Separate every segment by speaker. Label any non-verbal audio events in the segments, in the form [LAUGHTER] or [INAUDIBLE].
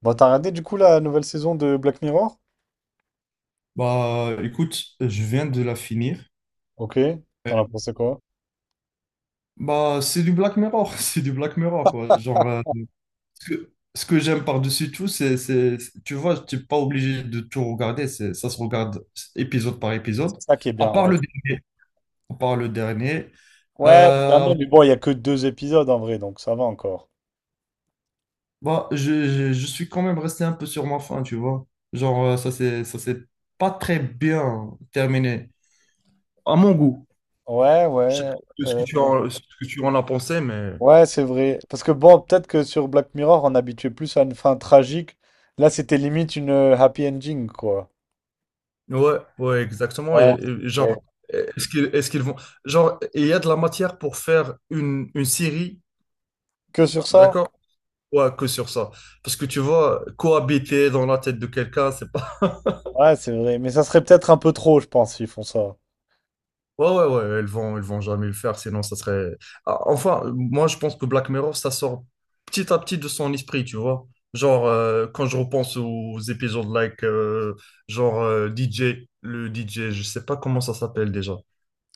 Speaker 1: Bon, t'as regardé du coup la nouvelle saison de Black Mirror?
Speaker 2: Bah, écoute, je viens de la finir.
Speaker 1: Ok, t'en as pensé quoi?
Speaker 2: Bah, c'est du Black Mirror, [LAUGHS] c'est du Black Mirror, quoi. Genre, ce que j'aime par-dessus tout, c'est tu vois, t'es pas obligé de tout regarder, c'est, ça se regarde épisode par épisode,
Speaker 1: C'est ça qui est
Speaker 2: à
Speaker 1: bien,
Speaker 2: part
Speaker 1: ouais.
Speaker 2: le dernier. À part le dernier,
Speaker 1: Ouais, le
Speaker 2: euh,
Speaker 1: dernier, mais bon, il y a que deux épisodes en vrai, donc ça va encore.
Speaker 2: bah, je suis quand même resté un peu sur ma faim, tu vois. Genre, ça s'est pas très bien terminé, à mon goût.
Speaker 1: Ouais,
Speaker 2: Je sais pas
Speaker 1: ouais, euh,
Speaker 2: ce que tu en as pensé, mais...
Speaker 1: ouais, c'est vrai. Parce que bon, peut-être que sur Black Mirror, on habituait plus à une fin tragique. Là, c'était limite une happy ending, quoi.
Speaker 2: Ouais, ouais, exactement. Et,
Speaker 1: Ouais,
Speaker 2: et genre,
Speaker 1: ouais.
Speaker 2: est-ce qu'ils vont. Genre, et il y a de la matière pour faire une série,
Speaker 1: Que sur ça?
Speaker 2: d'accord? Ouais, que sur ça. Parce que tu vois, cohabiter dans la tête de quelqu'un, c'est pas. [LAUGHS]
Speaker 1: Ouais, c'est vrai. Mais ça serait peut-être un peu trop, je pense, s'ils font ça.
Speaker 2: Ouais, ouais, ouais, ils vont jamais le faire, sinon ça serait. Ah, enfin, moi, je pense que Black Mirror, ça sort petit à petit de son esprit, tu vois. Genre, quand je repense aux épisodes DJ, le DJ, je sais pas comment ça s'appelle déjà.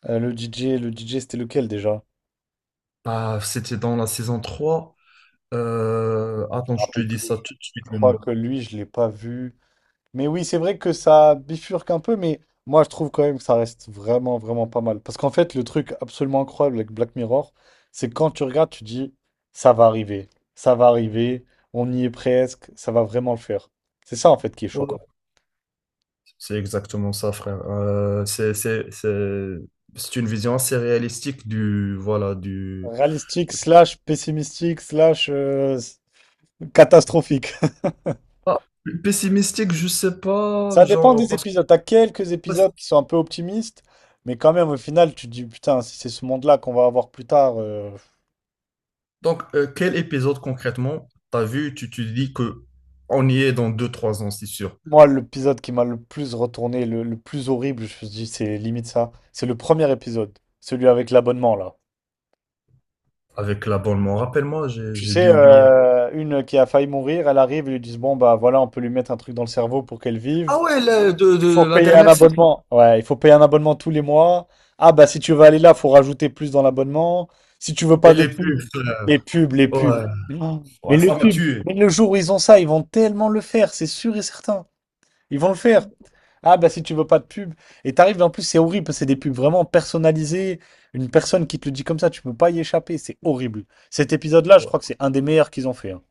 Speaker 1: Le DJ, le DJ, c'était lequel déjà?
Speaker 2: Ah, c'était dans la saison trois.
Speaker 1: Je
Speaker 2: Attends,
Speaker 1: me
Speaker 2: je te
Speaker 1: rappelle plus.
Speaker 2: dis ça tout de
Speaker 1: Je
Speaker 2: suite le
Speaker 1: crois
Speaker 2: nom.
Speaker 1: que lui, je l'ai pas vu. Mais oui, c'est vrai que ça bifurque un peu, mais moi, je trouve quand même que ça reste vraiment, vraiment pas mal. Parce qu'en fait, le truc absolument incroyable avec Black Mirror, c'est que quand tu regardes, tu dis, ça va arriver, ça va arriver, on y est presque, ça va vraiment le faire. C'est ça, en fait, qui est
Speaker 2: Ouais.
Speaker 1: choquant.
Speaker 2: C'est exactement ça, frère. C'est c'est une vision assez réalistique voilà, du...
Speaker 1: Réalistique, slash pessimistique, slash catastrophique. [LAUGHS]
Speaker 2: Ah, pessimistique, je sais pas,
Speaker 1: Ça dépend
Speaker 2: genre,
Speaker 1: des
Speaker 2: parce que...
Speaker 1: épisodes. T'as quelques épisodes qui sont un peu optimistes, mais quand même, au final, tu te dis, putain, si c'est ce monde-là qu'on va avoir plus tard.
Speaker 2: Donc, quel épisode concrètement t'as vu, tu te dis que on y est dans deux, trois ans, c'est sûr,
Speaker 1: Moi, l'épisode qui m'a le plus retourné, le plus horrible, je me dis, c'est limite ça. C'est le premier épisode, celui avec l'abonnement, là.
Speaker 2: avec l'abonnement. Rappelle-moi, j'ai,
Speaker 1: Tu
Speaker 2: j'ai
Speaker 1: sais,
Speaker 2: dû oublier.
Speaker 1: une qui a failli mourir, elle arrive, ils lui disent, bon, bah voilà, on peut lui mettre un truc dans le cerveau pour qu'elle vive.
Speaker 2: Ah ouais,
Speaker 1: Il
Speaker 2: de
Speaker 1: faut
Speaker 2: la
Speaker 1: payer un
Speaker 2: dernière saison.
Speaker 1: abonnement. Ouais, il faut payer un abonnement tous les mois. Ah bah si tu veux aller là, faut rajouter plus dans l'abonnement. Si tu veux
Speaker 2: Et
Speaker 1: pas de
Speaker 2: les pubs,
Speaker 1: pub, les
Speaker 2: frère.
Speaker 1: pubs, les pubs.
Speaker 2: Ouais,
Speaker 1: Oh, mais
Speaker 2: ouais,
Speaker 1: le
Speaker 2: ça m'a
Speaker 1: pub,
Speaker 2: tué.
Speaker 1: mais le jour où ils ont ça, ils vont tellement le faire, c'est sûr et certain. Ils vont le faire. Ah bah si tu veux pas de pub. Et t'arrives, en plus c'est horrible, parce que c'est des pubs vraiment personnalisées. Une personne qui te le dit comme ça, tu peux pas y échapper, c'est horrible. Cet épisode-là, je
Speaker 2: Ouais.
Speaker 1: crois que c'est un des meilleurs qu'ils ont fait, hein.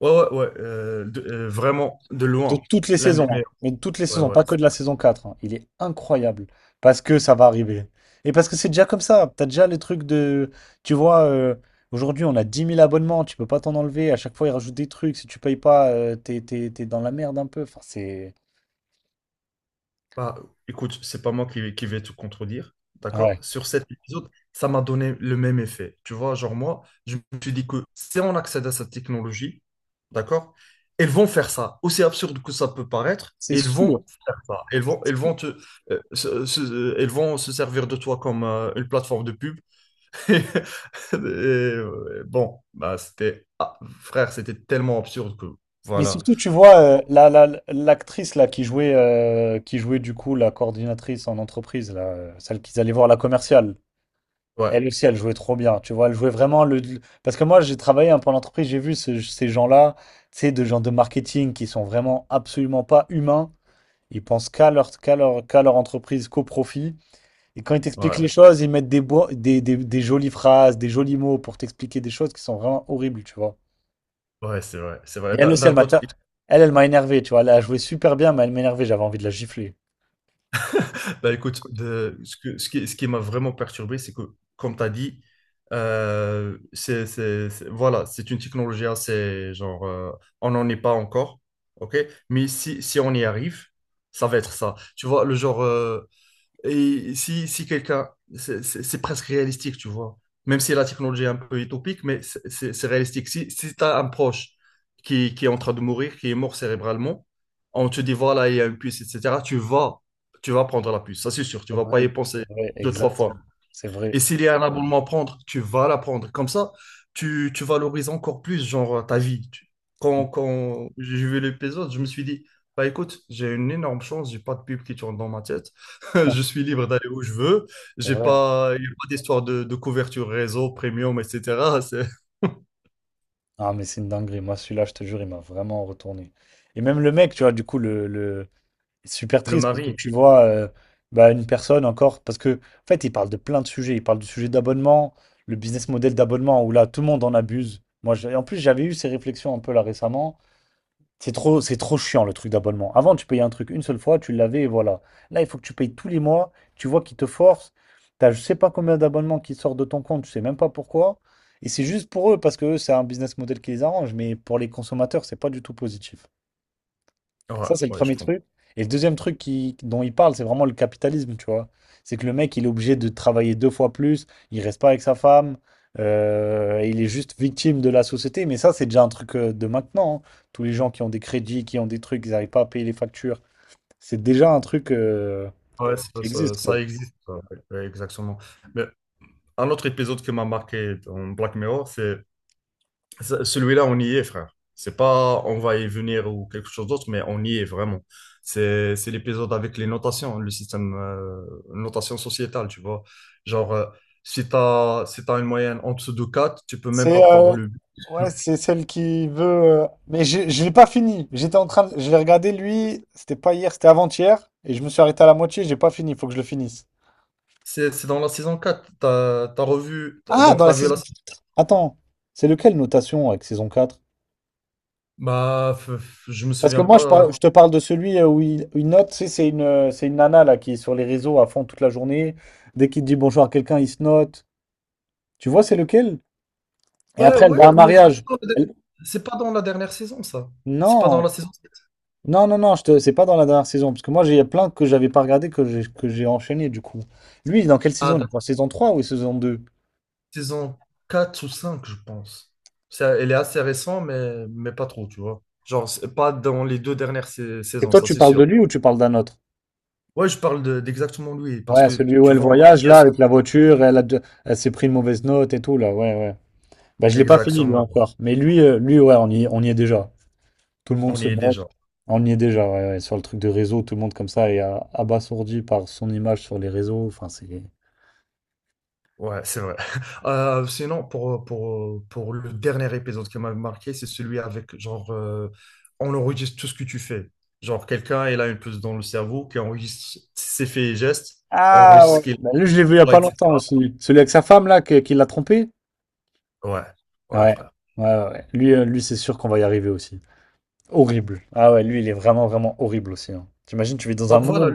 Speaker 2: Ouais, ouais, ouais, vraiment de
Speaker 1: De
Speaker 2: loin,
Speaker 1: toutes les
Speaker 2: l'un des
Speaker 1: saisons, hein,
Speaker 2: meilleurs.
Speaker 1: mais de toutes les
Speaker 2: Ouais,
Speaker 1: saisons,
Speaker 2: ouais.
Speaker 1: pas que de la
Speaker 2: c'est
Speaker 1: saison quatre, hein. Il est incroyable parce que ça va arriver. Et parce que c'est déjà comme ça. T'as déjà les trucs de. Tu vois, aujourd'hui, on a 10 000 abonnements, tu peux pas t'en enlever. À chaque fois, ils rajoutent des trucs. Si tu payes pas, t'es dans la merde un peu. Enfin, c'est.
Speaker 2: Pas, écoute, c'est pas moi qui vais te contredire, d'accord?
Speaker 1: Ouais.
Speaker 2: Sur cet épisode, ça m'a donné le même effet. Tu vois, genre moi, je me suis dit que si on accède à cette technologie, d'accord? Elles vont faire ça, aussi absurde que ça peut paraître,
Speaker 1: C'est
Speaker 2: elles
Speaker 1: sûr.
Speaker 2: vont faire ça. Elles vont se servir de toi comme une plateforme de pub. [LAUGHS] Et, bon, bah c'était frère, c'était tellement absurde que
Speaker 1: Mais
Speaker 2: voilà.
Speaker 1: surtout, tu vois, l'actrice là qui jouait du coup la coordinatrice en entreprise, là, celle qu'ils allaient voir, la commerciale.
Speaker 2: Ouais,
Speaker 1: Elle aussi, elle jouait trop bien, tu vois, elle jouait vraiment le. Parce que moi, j'ai travaillé un peu en entreprise, j'ai vu ces gens-là, tu sais, de gens de marketing qui sont vraiment absolument pas humains, ils pensent qu'à leur entreprise, qu'au profit, et quand ils t'expliquent
Speaker 2: ouais,
Speaker 1: les choses, ils mettent des jolies phrases, des jolis mots pour t'expliquer des choses qui sont vraiment horribles, tu vois.
Speaker 2: ouais, c'est vrai, c'est
Speaker 1: Et
Speaker 2: vrai.
Speaker 1: elle
Speaker 2: D'un
Speaker 1: aussi,
Speaker 2: d'un côté,
Speaker 1: elle m'a énervé, tu vois, elle a joué super bien, mais elle m'a énervé, j'avais envie de la gifler.
Speaker 2: bah écoute, ce qui m'a vraiment perturbé, c'est que, comme tu as dit, c'est voilà, c'est une technologie assez genre, on n'en est pas encore, ok? Mais si on y arrive, ça va être ça. Tu vois, le genre. Et si quelqu'un, c'est c'est presque réalistique, tu vois. Même si la technologie est un peu utopique, mais c'est c'est- réalistique. Si tu as un proche qui est en train de mourir, qui est mort cérébralement, on te dit, voilà, il y a une puce, etc., tu vas prendre la puce, ça c'est sûr, tu vas pas y
Speaker 1: C'est
Speaker 2: penser
Speaker 1: vrai,
Speaker 2: deux, trois fois.
Speaker 1: exactement, c'est
Speaker 2: Et
Speaker 1: vrai,
Speaker 2: s'il y a un abonnement à prendre, tu vas l'apprendre. Comme ça, tu valorises encore plus, genre, ta vie. Quand,
Speaker 1: [LAUGHS]
Speaker 2: quand j'ai vu l'épisode, je me suis dit, bah écoute, j'ai une énorme chance, j'ai pas de pub qui tourne dans ma tête. [LAUGHS] Je suis libre d'aller où je veux.
Speaker 1: c'est
Speaker 2: J'ai
Speaker 1: vrai.
Speaker 2: pas, il n'y a pas d'histoire de, couverture réseau, premium, etc. [LAUGHS]
Speaker 1: Ah, mais c'est une dinguerie. Moi, celui-là, je te jure, il m'a vraiment retourné. Et même le mec, tu vois, du coup, le. C'est super
Speaker 2: Le
Speaker 1: triste parce que
Speaker 2: mari,
Speaker 1: tu vois, bah, une personne encore. Parce que, en fait, il parle de plein de sujets. Il parle du sujet d'abonnement, le business model d'abonnement où là, tout le monde en abuse. En plus, j'avais eu ces réflexions un peu là récemment. C'est trop chiant le truc d'abonnement. Avant, tu payais un truc une seule fois, tu l'avais et voilà. Là, il faut que tu payes tous les mois. Tu vois qu'ils te forcent. T'as je sais pas combien d'abonnements qui sortent de ton compte, tu sais même pas pourquoi. Et c'est juste pour eux parce que eux, c'est un business model qui les arrange. Mais pour les consommateurs, c'est pas du tout positif.
Speaker 2: ouais,
Speaker 1: Ça, c'est le
Speaker 2: ouais, je
Speaker 1: premier
Speaker 2: comprends.
Speaker 1: truc. Et le deuxième truc dont il parle, c'est vraiment le capitalisme, tu vois. C'est que le mec, il est obligé de travailler deux fois plus, il reste pas avec sa femme, il est juste victime de la société. Mais ça, c'est déjà un truc de maintenant, hein. Tous les gens qui ont des crédits, qui ont des trucs, ils n'arrivent pas à payer les factures. C'est déjà un truc
Speaker 2: Ouais,
Speaker 1: qui existe, quoi.
Speaker 2: ça existe, ça. Ouais, exactement. Mais un autre épisode qui m'a marqué dans Black Mirror, c'est. Celui-là, on y est, frère. C'est pas on va y venir ou quelque chose d'autre, mais on y est vraiment. C'est l'épisode avec les notations, le système notation sociétale, tu vois. Genre, si t'as une moyenne en dessous de 4, tu peux même
Speaker 1: C'est
Speaker 2: pas prendre le but.
Speaker 1: ouais, c'est celle qui veut. Mais je l'ai pas fini. J'étais en train de... Je l'ai regardé lui. C'était pas hier, c'était avant-hier. Et je me suis arrêté à la moitié. J'ai pas fini. Il faut que je le finisse.
Speaker 2: C'est dans la saison 4.
Speaker 1: Ah,
Speaker 2: Donc
Speaker 1: dans la
Speaker 2: t'as vu
Speaker 1: saison
Speaker 2: la.
Speaker 1: 4. Attends, c'est lequel notation avec saison quatre?
Speaker 2: Bah, je me
Speaker 1: Parce que
Speaker 2: souviens
Speaker 1: moi,
Speaker 2: pas.
Speaker 1: je te parle de celui où il note, tu sais, c'est une nana là qui est sur les réseaux à fond toute la journée. Dès qu'il dit bonjour à quelqu'un, il se note. Tu vois, c'est lequel? Et
Speaker 2: Bah
Speaker 1: après, elle
Speaker 2: ouais,
Speaker 1: va à un
Speaker 2: mais c'est
Speaker 1: mariage.
Speaker 2: pas
Speaker 1: Elle-
Speaker 2: c'est pas dans la dernière saison, ça. C'est pas dans la
Speaker 1: Non,
Speaker 2: saison
Speaker 1: non, non, non, je te... c'est pas dans la dernière saison. Parce que moi, j'ai plein que j'avais pas regardé que j'ai enchaîné du coup. Lui, il est dans quelle saison? Il est
Speaker 2: 7.
Speaker 1: dans saison 3 ou saison deux?
Speaker 2: Saison 4 ou 5, je pense. Elle est assez récente, mais pas trop, tu vois. Genre, c'est pas dans les deux dernières
Speaker 1: Et
Speaker 2: saisons,
Speaker 1: toi,
Speaker 2: ça
Speaker 1: tu
Speaker 2: c'est
Speaker 1: parles de
Speaker 2: sûr.
Speaker 1: lui ou tu parles d'un autre?
Speaker 2: Ouais, je parle d'exactement lui, parce
Speaker 1: Ouais,
Speaker 2: que
Speaker 1: celui où
Speaker 2: tu
Speaker 1: elle
Speaker 2: vois,
Speaker 1: voyage, là, avec la voiture, elle s'est pris une mauvaise note et tout, là, ouais, ouais. Bah, je l'ai pas fini, lui,
Speaker 2: exactement,
Speaker 1: encore. Mais lui, lui, ouais, on y est déjà. Tout le monde
Speaker 2: on y
Speaker 1: se
Speaker 2: est
Speaker 1: note.
Speaker 2: déjà.
Speaker 1: On y est déjà, ouais, ouais. Sur le truc de réseau, tout le monde, comme ça, est abasourdi par son image sur les réseaux. Enfin, c'est...
Speaker 2: Ouais, c'est vrai. [LAUGHS] Sinon, pour le dernier épisode qui m'a marqué, c'est celui avec, genre, on enregistre tout ce que tu fais. Genre, quelqu'un, il a une puce dans le cerveau qui enregistre ses faits et gestes,
Speaker 1: Ah,
Speaker 2: enregistre ce
Speaker 1: ouais.
Speaker 2: qu'il
Speaker 1: Bah, lui, je l'ai vu il y a
Speaker 2: voit,
Speaker 1: pas longtemps
Speaker 2: etc.
Speaker 1: aussi. Celui avec sa femme, là, qui l'a trompé.
Speaker 2: Ouais, ouais,
Speaker 1: Ouais,
Speaker 2: frère.
Speaker 1: ouais, ouais, ouais. Lui, lui, c'est sûr qu'on va y arriver aussi. Horrible. Ah ouais, lui, il est vraiment, vraiment horrible aussi, hein. T'imagines, tu vis dans un
Speaker 2: Donc voilà,
Speaker 1: monde.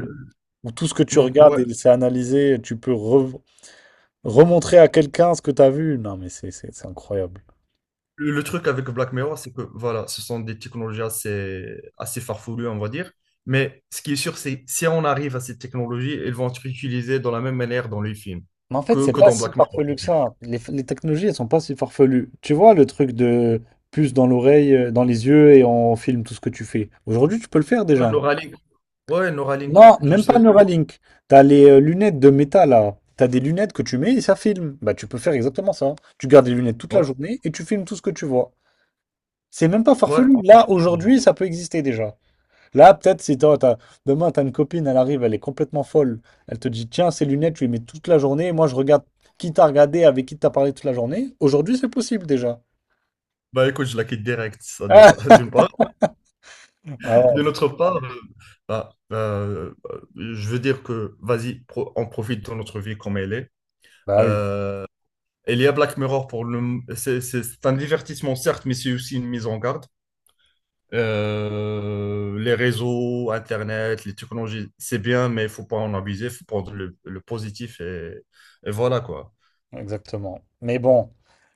Speaker 1: Où tout ce que tu regardes
Speaker 2: Ouais.
Speaker 1: et c'est analysé, tu peux remontrer à quelqu'un ce que tu as vu. Non, mais c'est incroyable.
Speaker 2: Le truc avec Black Mirror, c'est que voilà, ce sont des technologies assez, assez farfelues, on va dire. Mais ce qui est sûr, c'est si on arrive à ces technologies, elles vont être utilisées de la même manière dans les films
Speaker 1: Mais en fait,
Speaker 2: que,
Speaker 1: c'est
Speaker 2: que
Speaker 1: pas
Speaker 2: dans
Speaker 1: si
Speaker 2: Black Mirror. Je
Speaker 1: farfelu
Speaker 2: veux
Speaker 1: que
Speaker 2: dire.
Speaker 1: ça. Les technologies, elles sont pas si farfelues. Tu vois, le truc de puce dans l'oreille, dans les yeux, et on filme tout ce que tu fais. Aujourd'hui, tu peux le faire
Speaker 2: Ouais,
Speaker 1: déjà.
Speaker 2: Neuralink. Ouais, Neuralink,
Speaker 1: Non,
Speaker 2: je
Speaker 1: même pas
Speaker 2: sais.
Speaker 1: Neuralink. T'as les lunettes de métal, là. T'as des lunettes que tu mets et ça filme. Bah, tu peux faire exactement ça. Tu gardes les lunettes toute
Speaker 2: Ouais.
Speaker 1: la journée et tu filmes tout ce que tu vois. C'est même pas
Speaker 2: Ouais.
Speaker 1: farfelu. Là, aujourd'hui, ça peut exister déjà. Là, peut-être si toi, demain, t'as une copine, elle arrive, elle est complètement folle. Elle te dit, tiens, ces lunettes, tu les mets toute la journée. Et moi, je regarde qui t'a regardé, avec qui t'as parlé toute la journée. Aujourd'hui, c'est possible déjà.
Speaker 2: Bah écoute, je la quitte direct, ça
Speaker 1: Ah,
Speaker 2: déjà, [LAUGHS] d'une part.
Speaker 1: [LAUGHS] ah
Speaker 2: De
Speaker 1: ouais,
Speaker 2: notre part, bah, je veux dire que, vas-y, on profite de notre vie comme elle est.
Speaker 1: bah oui,
Speaker 2: Euh, il y a Black Mirror pour le... C'est un divertissement, certes, mais c'est aussi une mise en garde. Les réseaux, Internet, les technologies, c'est bien, mais il faut pas en abuser, il faut prendre le positif et voilà, quoi.
Speaker 1: exactement. Mais bon,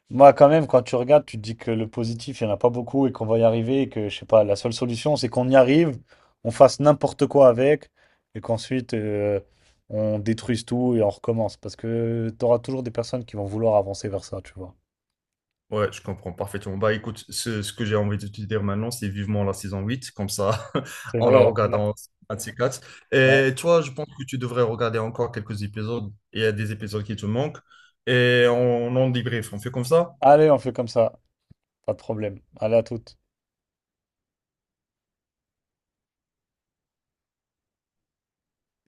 Speaker 1: moi, quand même, quand tu regardes, tu te dis que le positif, il n'y en a pas beaucoup et qu'on va y arriver et que, je sais pas, la seule solution, c'est qu'on y arrive, on fasse n'importe quoi avec et qu'ensuite, on détruise tout et on recommence. Parce que tu auras toujours des personnes qui vont vouloir avancer vers ça, tu vois.
Speaker 2: Ouais, je comprends parfaitement. Bah écoute, ce que j'ai envie de te dire maintenant, c'est vivement la saison 8, comme ça, [LAUGHS]
Speaker 1: C'est
Speaker 2: on la
Speaker 1: vrai,
Speaker 2: regarde
Speaker 1: ouais.
Speaker 2: en 24.
Speaker 1: Ouais.
Speaker 2: Et toi, je pense que tu devrais regarder encore quelques épisodes. Il y a des épisodes qui te manquent. Et on en débrief, on fait comme ça?
Speaker 1: Allez, on fait comme ça. Pas de problème. Allez, à toutes.